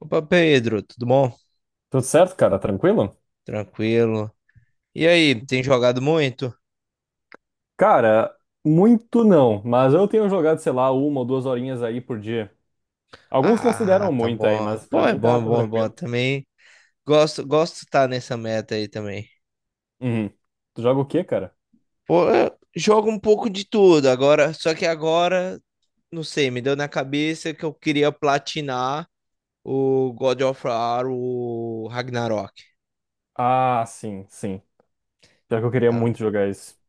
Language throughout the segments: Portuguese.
Opa, Pedro, tudo bom? Tudo certo, cara? Tranquilo? Tranquilo. E aí, tem jogado muito? Cara, muito não, mas eu tenho jogado, sei lá, uma ou duas horinhas aí por dia. Alguns Ah, consideram tá muito aí, bom. mas pra Pô, é mim bom, tá, é tá bom, é bom. tranquilo. Também gosto de estar nessa meta aí também. Uhum. Tu joga o quê, cara? Pô, eu jogo um pouco de tudo agora, só que agora, não sei, me deu na cabeça que eu queria platinar o God of War, o Ragnarok, Ah, sim, sim. Pior que eu queria tá? muito jogar isso.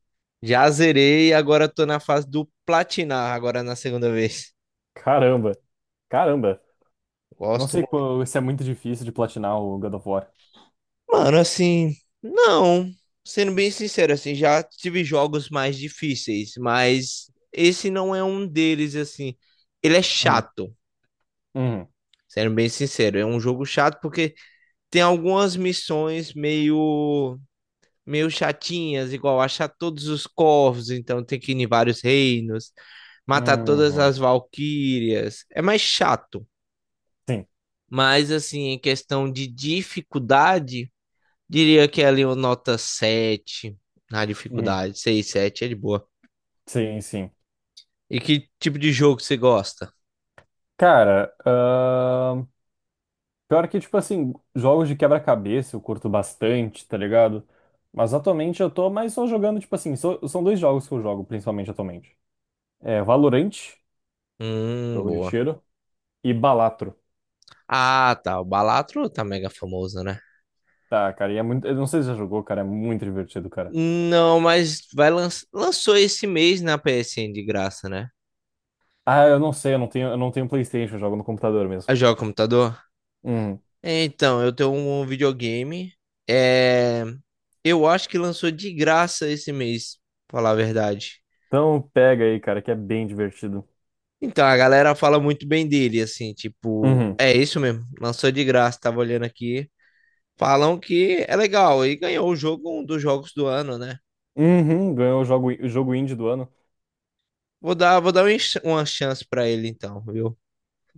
Já zerei, agora tô na fase do platinar agora na segunda vez. Caramba, caramba. Eu não Gosto sei se é muito difícil de platinar o God of War. Mano, assim, não. Sendo bem sincero, assim, já tive jogos mais difíceis, mas esse não é um deles, assim. Ele é Uhum. chato, Uhum. sendo bem sincero. É um jogo chato porque tem algumas missões meio chatinhas, igual achar todos os corvos, então tem que ir em vários reinos, matar todas Uhum. as valquírias. É mais chato. Sim. Mas, assim, em questão de dificuldade. Diria que é ali uma nota 7 na Uhum. dificuldade. Seis 7 é de boa. Sim, sim. E que tipo de jogo você gosta? Cara, pior que, tipo assim, jogos de quebra-cabeça eu curto bastante, tá ligado? Mas atualmente eu tô mais só jogando, tipo assim, são dois jogos que eu jogo principalmente atualmente. É Valorant, jogo de Boa. tiro, e Balatro. Ah, tá. O Balatro tá mega famoso, né? Tá, cara, e é muito, eu não sei se já jogou, cara, é muito divertido, cara. Não, mas lançou esse mês na PSN de graça, né? Ah, eu não sei, eu não tenho PlayStation, eu jogo no computador mesmo. A joga computador? Uhum. Então, eu tenho um videogame. É... Eu acho que lançou de graça esse mês, pra falar a verdade. Então pega aí, cara, que é bem divertido. Então, a galera fala muito bem dele, assim, tipo, Uhum. é isso mesmo, lançou de graça, tava olhando aqui. Falam que é legal e ganhou o jogo um dos jogos do ano, né? Uhum, ganhou o jogo indie do ano. Vou dar uma chance pra ele então, viu?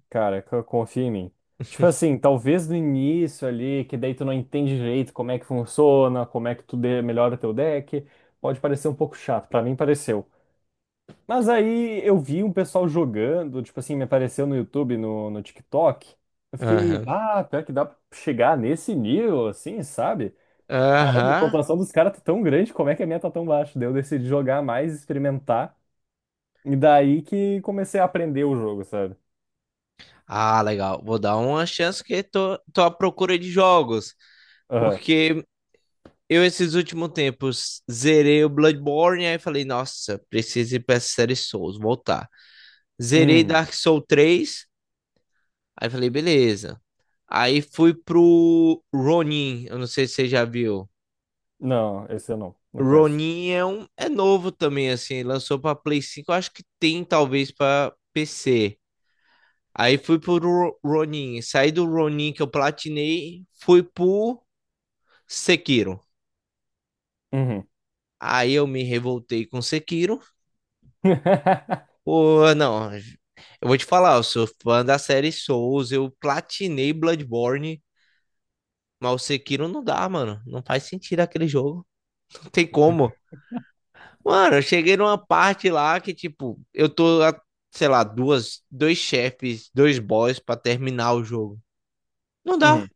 Cara, confia em mim. Tipo assim, talvez no início ali, que daí tu não entende direito como é que funciona, como é que tu melhora o teu deck, pode parecer um pouco chato, pra mim pareceu. Mas aí eu vi um pessoal jogando, tipo assim, me apareceu no YouTube, no TikTok. Eu fiquei, Aham. ah, pior que dá pra chegar nesse nível, assim, sabe? Caramba, a Aham. pontuação dos caras tá tão grande, como é que a minha tá tão baixa? Daí eu decidi jogar mais, experimentar, e daí que comecei a aprender o jogo, sabe? Ah, legal. Vou dar uma chance que tô à procura de jogos, Aham. porque eu esses últimos tempos zerei o Bloodborne aí falei, nossa, preciso ir pra essa série Souls, voltar. Zerei Uhum. Dark Souls 3 aí falei, beleza. Aí fui pro Ronin, eu não sei se você já viu. Não, esse eu não conheço. Ronin é novo também, assim, lançou pra Play 5 eu acho que tem talvez pra PC. Aí fui pro Ronin, saí do Ronin que eu platinei, fui pro Sekiro. Uhum. Aí eu me revoltei com Sekiro. Pô, não, eu vou te falar, eu sou fã da série Souls, eu platinei Bloodborne, mas o Sekiro não dá, mano, não faz sentido aquele jogo, não tem como. Mano, eu cheguei numa parte lá que, tipo, eu tô, a, sei lá, duas, dois chefes, dois boss pra terminar o jogo. Não dá. Uhum.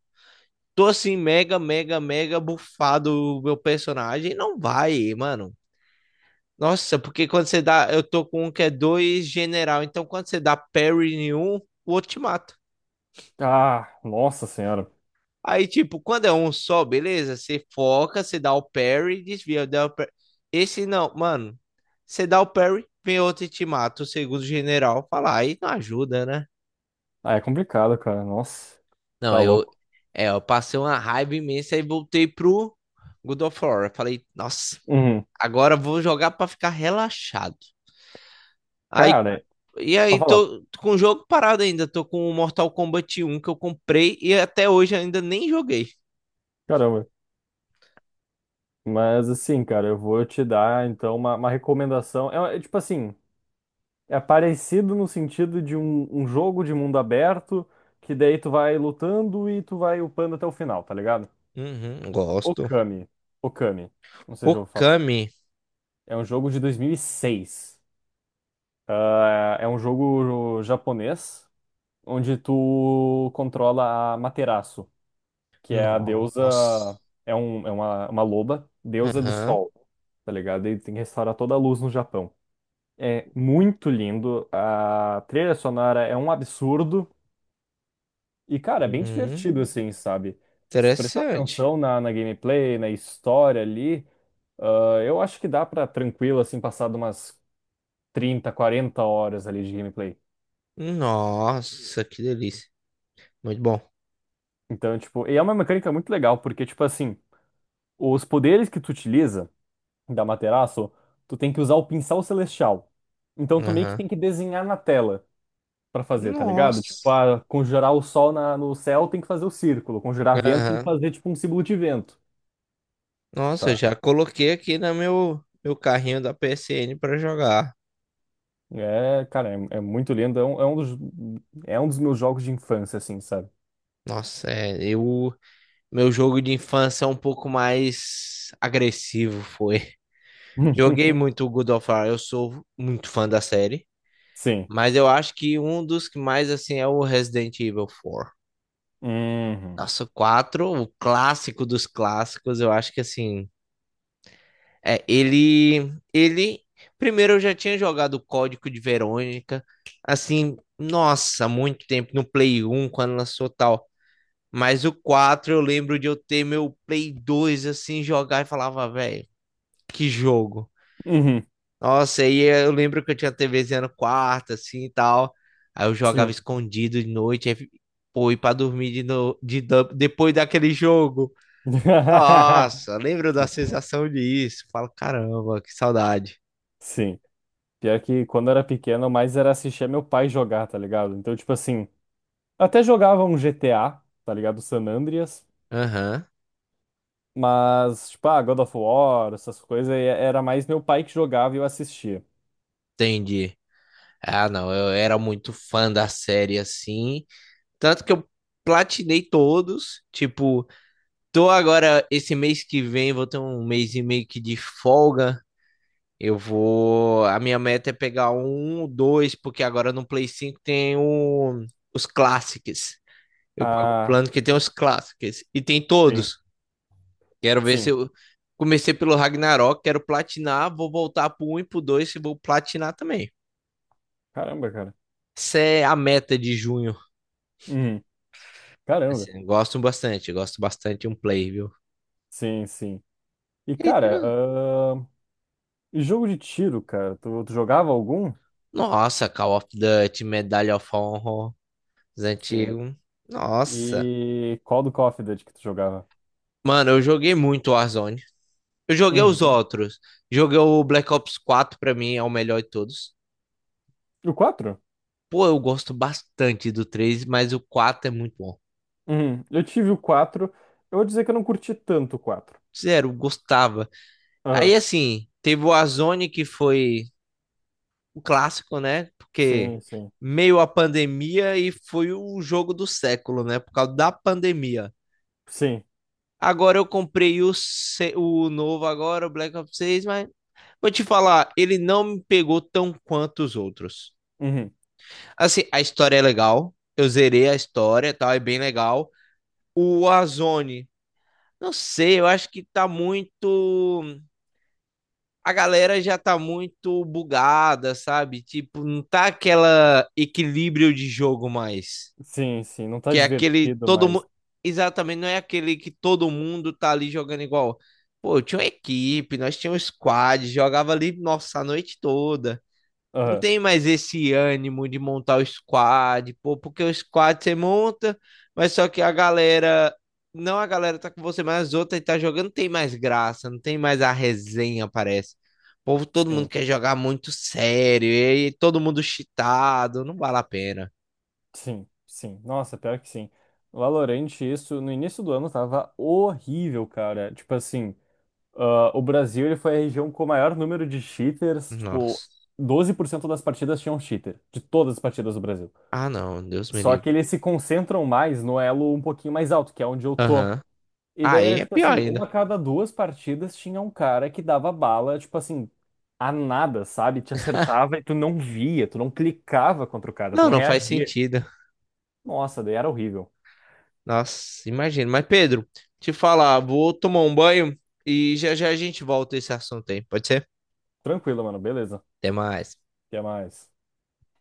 Tô assim, mega, mega, mega bufado o meu personagem. Não vai, mano. Nossa, porque quando você dá. Eu tô com um que é dois general. Então quando você dá parry em um, o outro te mata. Ah, nossa senhora. Aí, tipo, quando é um só, beleza? Você foca, você dá o parry, desvia, dá o parry. Esse não, mano. Você dá o parry, vem outro e te mata. O segundo general fala, aí não ajuda, né? Ah, é complicado, cara. Nossa, Não, tá eu, louco. é, eu passei uma raiva imensa e voltei pro God of War. Eu falei, nossa, Uhum. agora eu vou jogar pra ficar relaxado. Aí, Cara, e aí, falar. tô com o jogo parado ainda. Tô com o Mortal Kombat 1 que eu comprei e até hoje ainda nem joguei. Caramba. Mas assim, cara, eu vou te dar então uma recomendação. É tipo assim, é parecido no sentido de um jogo de mundo aberto, que daí tu vai lutando e tu vai upando até o final, tá ligado? Uhum, gosto. Okami. Okami. Não sei se eu vou falar. Okami. É um jogo de 2006. Ah, é um jogo japonês onde tu controla a Materaço, que é a deusa, Nossa. é uma loba, deusa do Aham. sol, tá ligado? E tem que restaurar toda a luz no Japão. É muito lindo, a trilha sonora é um absurdo e, cara, é bem divertido Hum, assim, sabe? Se tu prestar interessante. atenção na gameplay, na história ali, ah, eu acho que dá pra tranquilo assim passar de umas 30, 40 horas ali de gameplay. Nossa, que delícia. Muito bom. Então, tipo, e é uma mecânica muito legal, porque, tipo assim, os poderes que tu utiliza da Materaço, tu tem que usar o pincel celestial. Então, tu meio que Aham. tem que desenhar na tela pra fazer, tá ligado? Tipo, Nossa. ah, conjurar o sol no céu tem que fazer o círculo, conjurar vento tem que Aham. fazer, tipo, um símbolo de vento. Nossa, eu já coloquei aqui no meu carrinho da PSN para jogar. É, cara, é muito lindo, é um dos meus jogos de infância, assim, sabe? Nossa, meu jogo de infância é um pouco mais agressivo, foi. Joguei muito o God of War, eu sou muito fã da série, Sim. mas eu acho que um dos que mais, assim, é o Resident Evil 4. Uhum. Nossa, o 4, o clássico dos clássicos, eu acho que assim, ele primeiro eu já tinha jogado o Código de Verônica, assim, nossa, muito tempo no Play 1, quando lançou tal, mas o 4, eu lembro de eu ter meu Play 2, assim jogar e falava, velho, que jogo. Uhum. Nossa, aí eu lembro que eu tinha TVzinha no quarto assim e tal. Aí eu jogava Sim. escondido de noite, aí, pô, e pra dormir de no, de, depois daquele jogo. Nossa, lembro da sensação disso. Falo, caramba, que saudade. Sim. Pior que quando eu era pequeno, mais era assistir meu pai jogar, tá ligado? Então, tipo assim, até jogava um GTA, tá ligado? San Andreas, Aham, mas, tipo, ah, God of War, essas coisas, e era mais meu pai que jogava e eu assistia. entendi. Ah, não, eu era muito fã da série assim. Tanto que eu platinei todos. Tipo, tô agora, esse mês que vem, vou ter um mês e meio que de folga. Eu vou. A minha meta é pegar um, dois, porque agora no Play 5 tem os clássicos. Eu pago o Ah, plano que tem os clássicos. E tem sim, todos. Quero ver se sim. eu. Comecei pelo Ragnarok, quero platinar, vou voltar pro um e pro 2 e vou platinar também. Caramba, cara. Essa é a meta de junho. Uhum. Caramba. Assim, gosto bastante de um play, viu? Sim, sim. E, E tem cara, um- e jogo de tiro, cara, tu jogava algum? Nossa, Call of Duty, Medalha of Honor, os Sim. antigos. Nossa. E qual do Call of Duty que tu jogava? Mano, eu joguei muito Warzone. Eu joguei os Uhum. outros. Joguei o Black Ops 4 pra mim, é o melhor de todos. O quatro. Pô, eu gosto bastante do 3, mas o 4 é muito bom. Uhum. Eu tive o quatro. Eu vou dizer que eu não curti tanto o quatro. Sério, eu gostava. Aí, Aham. assim, teve o Azone que foi o clássico, né? Porque Sim, sim. meio a pandemia e foi o jogo do século, né? Por causa da pandemia. Sim. Agora eu comprei o, se- o novo agora, o Black Ops 6, mas vou te falar, ele não me pegou tão quanto os outros. Uhum. Assim, a história é legal, eu zerei a história, tal, é bem legal. O Azone, não sei, eu acho que tá muito a galera já tá muito bugada, sabe? Tipo, não tá aquela equilíbrio de jogo mais. Sim, sim. Não tá Que é aquele divertido, todo mas. mundo. Exatamente, não é aquele que todo mundo tá ali jogando igual. Pô, eu tinha uma equipe, nós tínhamos squad, jogava ali, nossa, a noite toda. Não Aham. tem mais esse ânimo de montar o squad, pô, porque o squad você monta, mas só que a galera, não a galera tá com você, mas as outras que tá jogando tem mais graça, não tem mais a resenha, parece. O povo, todo mundo Sim, quer jogar muito sério, e aí todo mundo cheatado, não vale a pena. sim, sim. Nossa, pior que sim. Valorant, isso no início do ano tava horrível, cara. Tipo assim, ah, o Brasil ele foi a região com o maior número de cheaters. Tipo, Nossa. 12% das partidas tinham cheater, de todas as partidas do Brasil. Ah, não, Deus me Só que livre. eles se concentram mais no elo um pouquinho mais alto, que é onde eu tô. Aham. E daí Aí era é tipo pior assim, ainda. uma a cada duas partidas tinha um cara que dava bala, tipo assim, a nada, sabe? Te acertava e tu não via, tu não clicava contra o cara, tu Não, não não faz reagia. sentido. Nossa, daí era horrível. Nossa, imagino. Mas, Pedro, te falar, vou tomar um banho e já já a gente volta a esse assunto aí. Pode ser? Tranquilo, mano, beleza. Até mais. Até mais.